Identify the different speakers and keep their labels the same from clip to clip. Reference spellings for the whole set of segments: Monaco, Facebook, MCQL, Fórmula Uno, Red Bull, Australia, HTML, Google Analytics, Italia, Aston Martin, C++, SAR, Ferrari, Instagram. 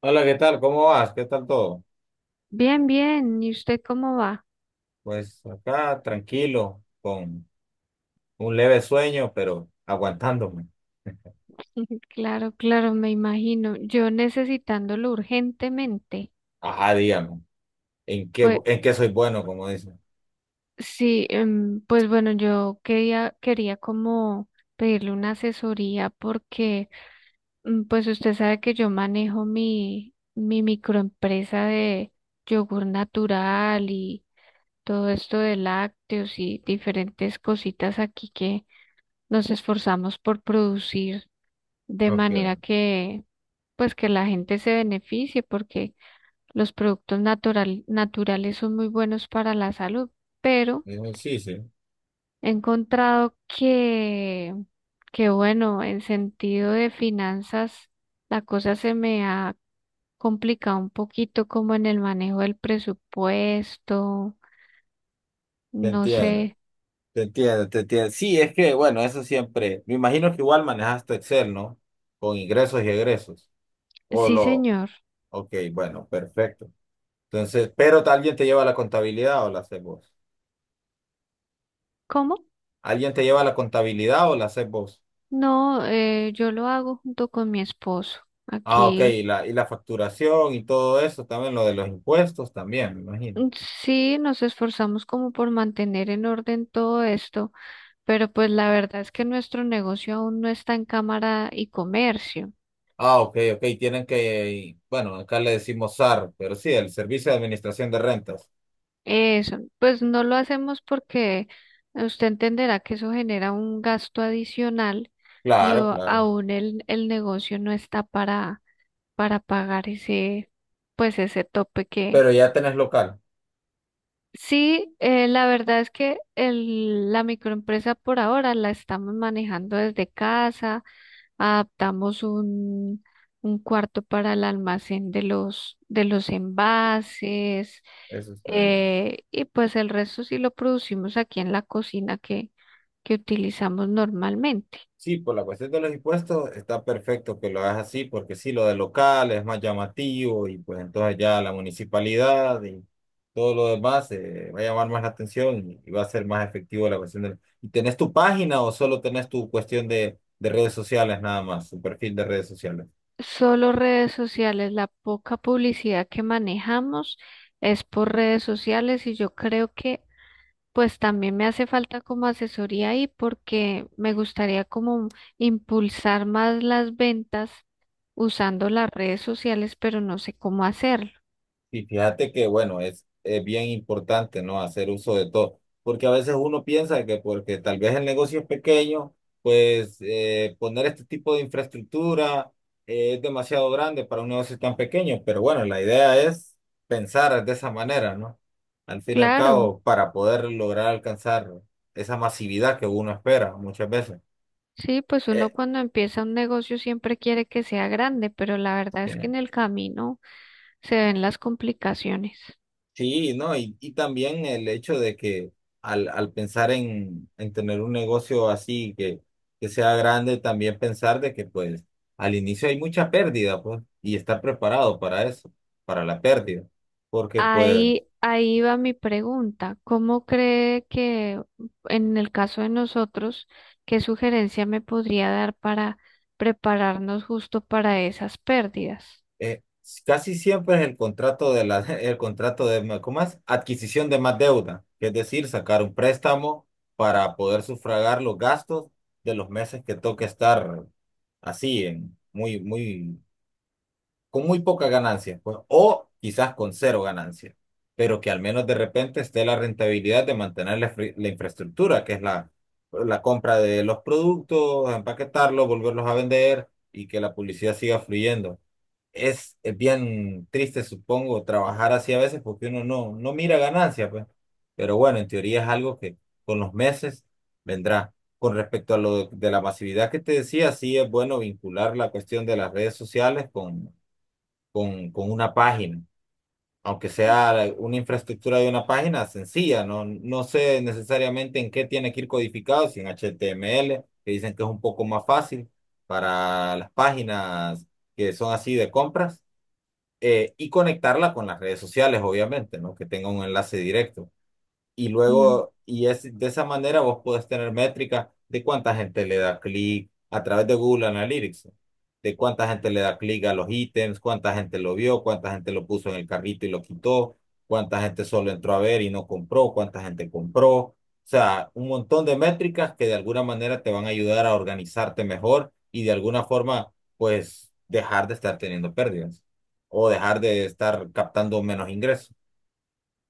Speaker 1: Hola, ¿qué tal? ¿Cómo vas? ¿Qué tal todo?
Speaker 2: Bien, bien. ¿Y usted cómo va?
Speaker 1: Pues acá tranquilo, con un leve sueño, pero aguantándome.
Speaker 2: Claro, claro, me imagino. Yo necesitándolo urgentemente.
Speaker 1: Ajá, dígame, ¿en qué,
Speaker 2: Pues
Speaker 1: en qué soy bueno, como dicen?
Speaker 2: sí, pues bueno, yo quería como pedirle una asesoría porque pues usted sabe que yo manejo mi microempresa de yogur natural y todo esto de lácteos y diferentes cositas aquí que nos esforzamos por producir de
Speaker 1: Ok,
Speaker 2: manera que pues que la gente se beneficie porque los productos naturales son muy buenos para la salud, pero
Speaker 1: digo, sí, sí,
Speaker 2: he encontrado que bueno, en sentido de finanzas, la cosa se me ha complicado un poquito como en el manejo del presupuesto,
Speaker 1: te
Speaker 2: no
Speaker 1: entiendo,
Speaker 2: sé.
Speaker 1: te entiendo, te entiendo. Sí, es que, bueno, eso siempre, me imagino que igual manejaste Excel, ¿no? Con ingresos y egresos. O
Speaker 2: Sí,
Speaker 1: lo,
Speaker 2: señor.
Speaker 1: ok, bueno, perfecto. Entonces, ¿pero alguien te lleva la contabilidad o la haces vos?
Speaker 2: ¿Cómo?
Speaker 1: ¿Alguien te lleva la contabilidad o la haces vos?
Speaker 2: No, yo lo hago junto con mi esposo.
Speaker 1: Ah, ok,
Speaker 2: Aquí.
Speaker 1: y la, facturación y todo eso, también lo de los impuestos también, me imagino.
Speaker 2: Mm. Sí, nos esforzamos como por mantener en orden todo esto, pero pues la verdad es que nuestro negocio aún no está en cámara y comercio.
Speaker 1: Ah, ok, ok, tienen que, bueno, acá le decimos SAR, pero sí, el Servicio de Administración de Rentas.
Speaker 2: Eso, pues no lo hacemos porque usted entenderá que eso genera un gasto adicional
Speaker 1: Claro, claro.
Speaker 2: aún el negocio no está para pagar ese, pues ese tope.
Speaker 1: Pero ya tenés local,
Speaker 2: Sí, la verdad es que la microempresa por ahora la estamos manejando desde casa, adaptamos un cuarto para el almacén de de los envases.
Speaker 1: eso está bien.
Speaker 2: Eh, y pues el resto sí lo producimos aquí en la cocina que utilizamos normalmente.
Speaker 1: Sí, por la cuestión de los impuestos está perfecto que lo hagas así, porque sí, lo de local es más llamativo y pues entonces ya la municipalidad y todo lo demás va a llamar más la atención y va a ser más efectivo la cuestión del. ¿Y tenés tu página o solo tenés tu cuestión de redes sociales nada más, tu perfil de redes sociales?
Speaker 2: Solo redes sociales, la poca publicidad que manejamos es por redes sociales y yo creo que pues también me hace falta como asesoría ahí porque me gustaría como impulsar más las ventas usando las redes sociales, pero no sé cómo hacerlo.
Speaker 1: Y fíjate que, bueno, es bien importante, ¿no? Hacer uso de todo, porque a veces uno piensa que porque tal vez el negocio es pequeño, pues poner este tipo de infraestructura es demasiado grande para un negocio tan pequeño, pero bueno, la idea es pensar de esa manera, ¿no? Al fin y al
Speaker 2: Claro,
Speaker 1: cabo, para poder lograr alcanzar esa masividad que uno espera muchas veces.
Speaker 2: sí, pues uno
Speaker 1: Eh,
Speaker 2: cuando empieza un negocio siempre quiere que sea grande, pero la verdad
Speaker 1: Sí.
Speaker 2: es que en el camino se ven las complicaciones.
Speaker 1: Sí, no, y, también el hecho de que al, pensar en tener un negocio así que sea grande, también pensar de que pues al inicio hay mucha pérdida, pues, y estar preparado para eso, para la pérdida, porque pues
Speaker 2: Ahí, ahí va mi pregunta. ¿Cómo cree que en el caso de nosotros, qué sugerencia me podría dar para prepararnos justo para esas pérdidas?
Speaker 1: eh, casi siempre es el contrato de la, el contrato de, ma- ¿cómo es? Adquisición de más deuda, que es decir, sacar un préstamo para poder sufragar los gastos de los meses que toque estar así, en, muy, muy con muy poca ganancia, pues, o quizás con cero ganancia, pero que al menos de repente esté la rentabilidad de mantener la infraestructura, que es la compra de los productos, empaquetarlos, volverlos a vender y que la publicidad siga fluyendo. Es bien triste, supongo, trabajar así a veces porque uno no mira ganancia, pues. Pero bueno, en teoría es algo que con los meses vendrá. Con respecto a lo de la masividad que te decía, sí es bueno vincular la cuestión de las redes sociales con una página, aunque sea una infraestructura de una página sencilla, no sé necesariamente en qué tiene que ir codificado, si en HTML, que dicen que es un poco más fácil para las páginas que son así de compras, y conectarla con las redes sociales, obviamente, ¿no? Que tenga un enlace directo. Y
Speaker 2: Mm.
Speaker 1: luego, y es de esa manera vos podés tener métrica de cuánta gente le da clic a través de Google Analytics, de cuánta gente le da clic a los ítems, cuánta gente lo vio, cuánta gente lo puso en el carrito y lo quitó, cuánta gente solo entró a ver y no compró, cuánta gente compró. O sea, un montón de métricas que de alguna manera te van a ayudar a organizarte mejor y de alguna forma, pues, dejar de estar teniendo pérdidas o dejar de estar captando menos ingresos.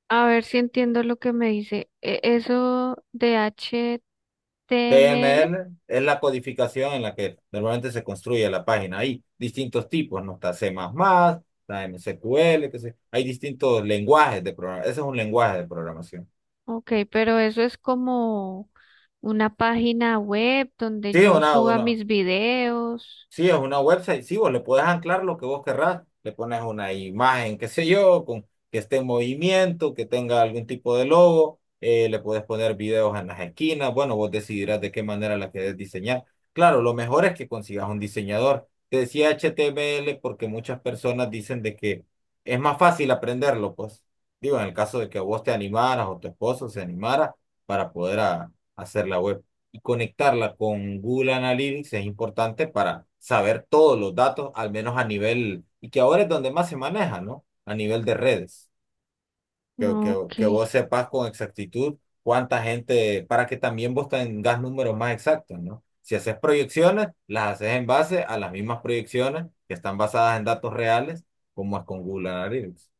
Speaker 2: A ver si entiendo lo que me dice. Eso de HTML,
Speaker 1: TML es la codificación en la que normalmente se construye la página. Hay distintos tipos, ¿no? Está C++, más está MCQL, que se Hay distintos lenguajes de programación. Ese es un lenguaje de programación.
Speaker 2: ok, pero eso es como una página web donde
Speaker 1: Sí,
Speaker 2: yo
Speaker 1: una,
Speaker 2: suba
Speaker 1: una.
Speaker 2: mis videos.
Speaker 1: Sí, es una website, sí, vos le puedes anclar lo que vos querrás, le pones una imagen, qué sé yo, que esté en movimiento, que tenga algún tipo de logo, le puedes poner videos en las esquinas, bueno, vos decidirás de qué manera la querés diseñar. Claro, lo mejor es que consigas un diseñador. Te decía HTML porque muchas personas dicen de que es más fácil aprenderlo, pues digo, en el caso de que vos te animaras o tu esposo se animara para poder hacer la web y conectarla con Google Analytics es importante para saber todos los datos, al menos a nivel, y que ahora es donde más se maneja, ¿no? A nivel de redes, que vos
Speaker 2: Ok.
Speaker 1: sepas con exactitud cuánta gente, para que también vos tengas números más exactos, ¿no? Si haces proyecciones, las haces en base a las mismas proyecciones que están basadas en datos reales, como es con Google Analytics.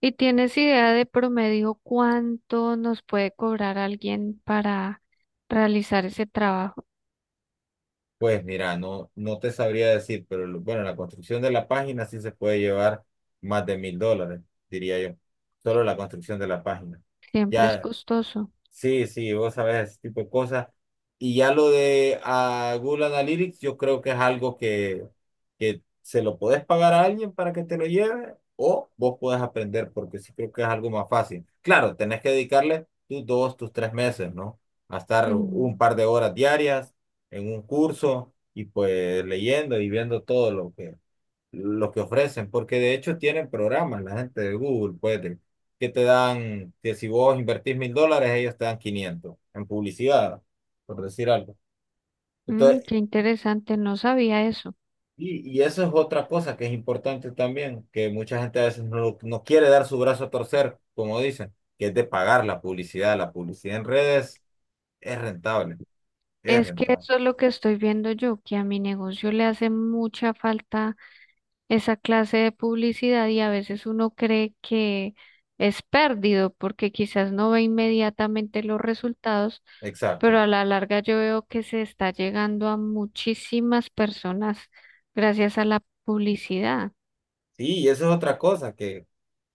Speaker 2: ¿Y tienes idea de promedio cuánto nos puede cobrar alguien para realizar ese trabajo?
Speaker 1: Pues mira, no te sabría decir, pero bueno, la construcción de la página sí se puede llevar más de $1,000, diría yo. Solo la construcción de la página.
Speaker 2: Siempre es
Speaker 1: Ya,
Speaker 2: costoso.
Speaker 1: sí, sí, vos sabés ese tipo de cosas. Y ya lo de Google Analytics, yo creo que es algo que se lo podés pagar a alguien para que te lo lleve o vos podés aprender, porque sí creo que es algo más fácil. Claro, tenés que dedicarle tus dos, tus 3 meses, ¿no? A estar un
Speaker 2: Mm,
Speaker 1: par de horas diarias en un curso y pues leyendo y viendo todo lo que ofrecen, porque de hecho tienen programas, la gente de Google, pues, que te dan, que si vos invertís $1,000, ellos te dan 500 en publicidad, por decir algo.
Speaker 2: mm,
Speaker 1: Entonces,
Speaker 2: qué interesante, no sabía eso.
Speaker 1: y, eso es otra cosa que es importante también, que mucha gente a veces no quiere dar su brazo a torcer, como dicen, que es de pagar la publicidad. La publicidad en redes es rentable, es
Speaker 2: Es que
Speaker 1: rentable.
Speaker 2: eso es lo que estoy viendo yo, que a mi negocio le hace mucha falta esa clase de publicidad, y a veces uno cree que es perdido porque quizás no ve inmediatamente los resultados, pero
Speaker 1: Exacto.
Speaker 2: a la larga yo veo que se está llegando a muchísimas personas gracias a la publicidad.
Speaker 1: Sí, y eso es otra cosa, que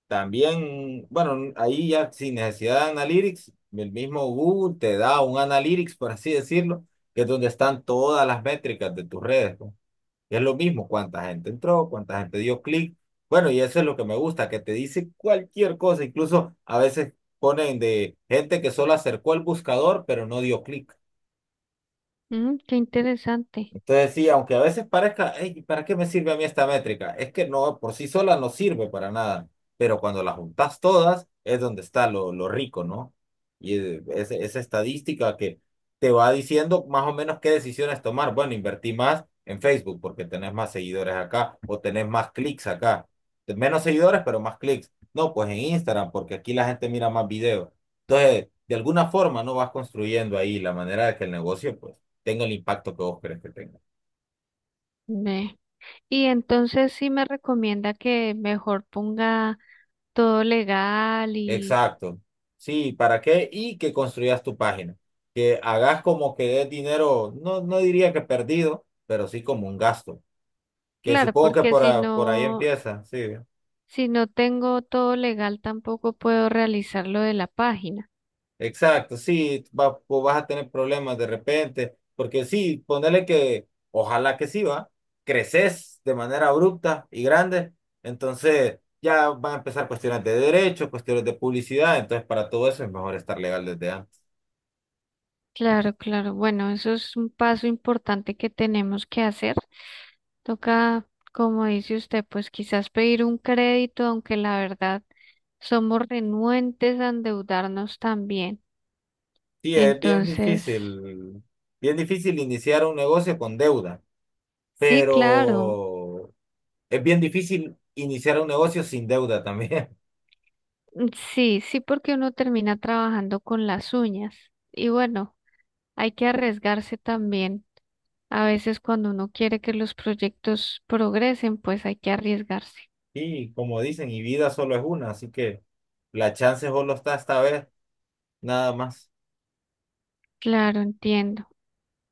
Speaker 1: También, bueno, ahí ya sin necesidad de Analytics, el mismo Google te da un Analytics, por así decirlo, que es donde están todas las métricas de tus redes, ¿no? Y es lo mismo, cuánta gente entró, cuánta gente dio clic. Bueno, y eso es lo que me gusta, que te dice cualquier cosa, incluso a veces ponen de gente que solo acercó el buscador, pero no dio clic.
Speaker 2: Mm, qué interesante.
Speaker 1: Entonces, sí, aunque a veces parezca: "Ey, ¿para qué me sirve a mí esta métrica?". Es que no, por sí sola no sirve para nada, pero cuando las juntas todas es donde está lo rico, ¿no? Y esa estadística que te va diciendo más o menos qué decisiones tomar. Bueno, invertí más en Facebook porque tenés más seguidores acá o tenés más clics acá. Menos seguidores, pero más clics. No, pues en Instagram porque aquí la gente mira más videos. Entonces, de alguna forma, ¿no? Vas construyendo ahí la manera de que el negocio, pues tenga el impacto que vos querés que tenga.
Speaker 2: Ve. Y entonces sí me recomienda que mejor ponga todo legal y
Speaker 1: Exacto. Sí, ¿para qué? Y que construyas tu página. Que hagas como que es dinero, no diría que perdido, pero sí como un gasto. Que
Speaker 2: claro,
Speaker 1: supongo que
Speaker 2: porque si
Speaker 1: por ahí
Speaker 2: no,
Speaker 1: empieza, sí.
Speaker 2: si no tengo todo legal tampoco puedo realizar lo de la página.
Speaker 1: Exacto, sí, pues vas a tener problemas de repente, porque sí, ponele que, ojalá que sí, va, creces de manera abrupta y grande, entonces ya van a empezar cuestiones de derechos, cuestiones de publicidad, entonces para todo eso es mejor estar legal desde antes.
Speaker 2: Claro, claro. Bueno, eso es un paso importante que tenemos que hacer. Toca, como dice usted, pues quizás pedir un crédito, aunque la verdad somos renuentes a endeudarnos también.
Speaker 1: Sí, es
Speaker 2: Entonces,
Speaker 1: bien difícil iniciar un negocio con deuda,
Speaker 2: sí, claro.
Speaker 1: pero es bien difícil iniciar un negocio sin deuda también.
Speaker 2: Mm. Sí, sí, porque uno termina trabajando con las uñas. Y bueno, hay que arriesgarse también. A veces cuando uno quiere que los proyectos progresen, pues hay que arriesgarse.
Speaker 1: Y como dicen, y vida solo es una, así que la chance solo está esta vez, nada más.
Speaker 2: Claro, entiendo.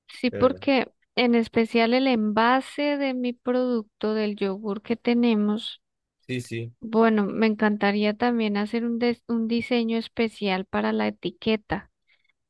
Speaker 2: Sí,
Speaker 1: Pero
Speaker 2: porque en especial el envase de mi producto, del yogur que tenemos,
Speaker 1: sí, sí,
Speaker 2: bueno, me encantaría también hacer un, un diseño especial para la etiqueta.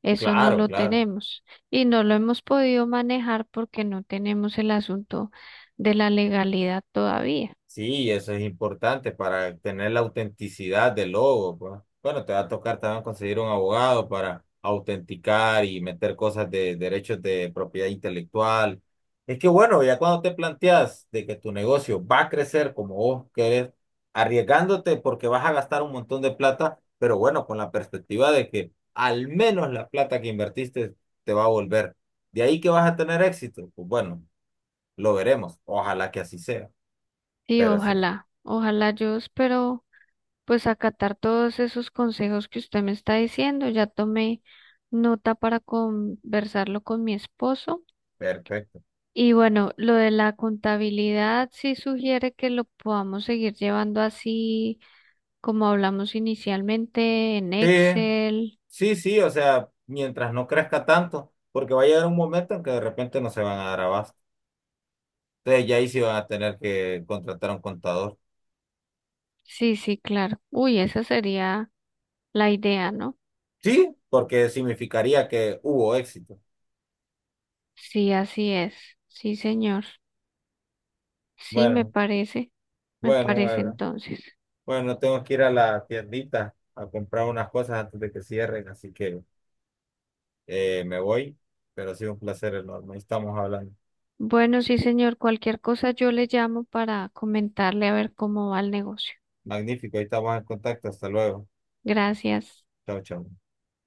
Speaker 2: Eso no
Speaker 1: claro,
Speaker 2: lo
Speaker 1: claro.
Speaker 2: tenemos y no lo hemos podido manejar porque no tenemos el asunto de la legalidad todavía.
Speaker 1: Sí, eso es importante para tener la autenticidad del logo, pues. Bueno, te va a tocar también conseguir un abogado para autenticar y meter cosas de derechos de propiedad intelectual. Es que bueno, ya cuando te planteas de que tu negocio va a crecer como vos querés, arriesgándote porque vas a gastar un montón de plata, pero bueno, con la perspectiva de que al menos la plata que invertiste te va a volver. De ahí que vas a tener éxito, pues bueno, lo veremos. Ojalá que así sea,
Speaker 2: Sí,
Speaker 1: pero sí.
Speaker 2: ojalá, ojalá yo espero pues acatar todos esos consejos que usted me está diciendo. Ya tomé nota para conversarlo con mi esposo.
Speaker 1: Perfecto.
Speaker 2: Y bueno, lo de la contabilidad sí sugiere que lo podamos seguir llevando así como hablamos inicialmente en
Speaker 1: Sí,
Speaker 2: Excel.
Speaker 1: sí, sí, o sea, mientras no crezca tanto, porque va a llegar un momento en que de repente no se van a dar abasto. Entonces ya ahí sí van a tener que contratar a un contador.
Speaker 2: Sí, sí, claro. Uy, esa sería la idea, ¿no?
Speaker 1: Sí, porque significaría que hubo éxito.
Speaker 2: Sí, así es. Sí, señor. Sí, me
Speaker 1: Bueno,
Speaker 2: parece. Me
Speaker 1: bueno,
Speaker 2: parece
Speaker 1: bueno.
Speaker 2: entonces.
Speaker 1: Bueno, tengo que ir a la tiendita a comprar unas cosas antes de que cierren, así que me voy, pero ha sido un placer enorme. Ahí estamos hablando.
Speaker 2: Bueno, sí, señor. Cualquier cosa yo le llamo para comentarle a ver cómo va el negocio.
Speaker 1: Magnífico, ahí estamos en contacto. Hasta luego.
Speaker 2: Gracias.
Speaker 1: Chao, chao.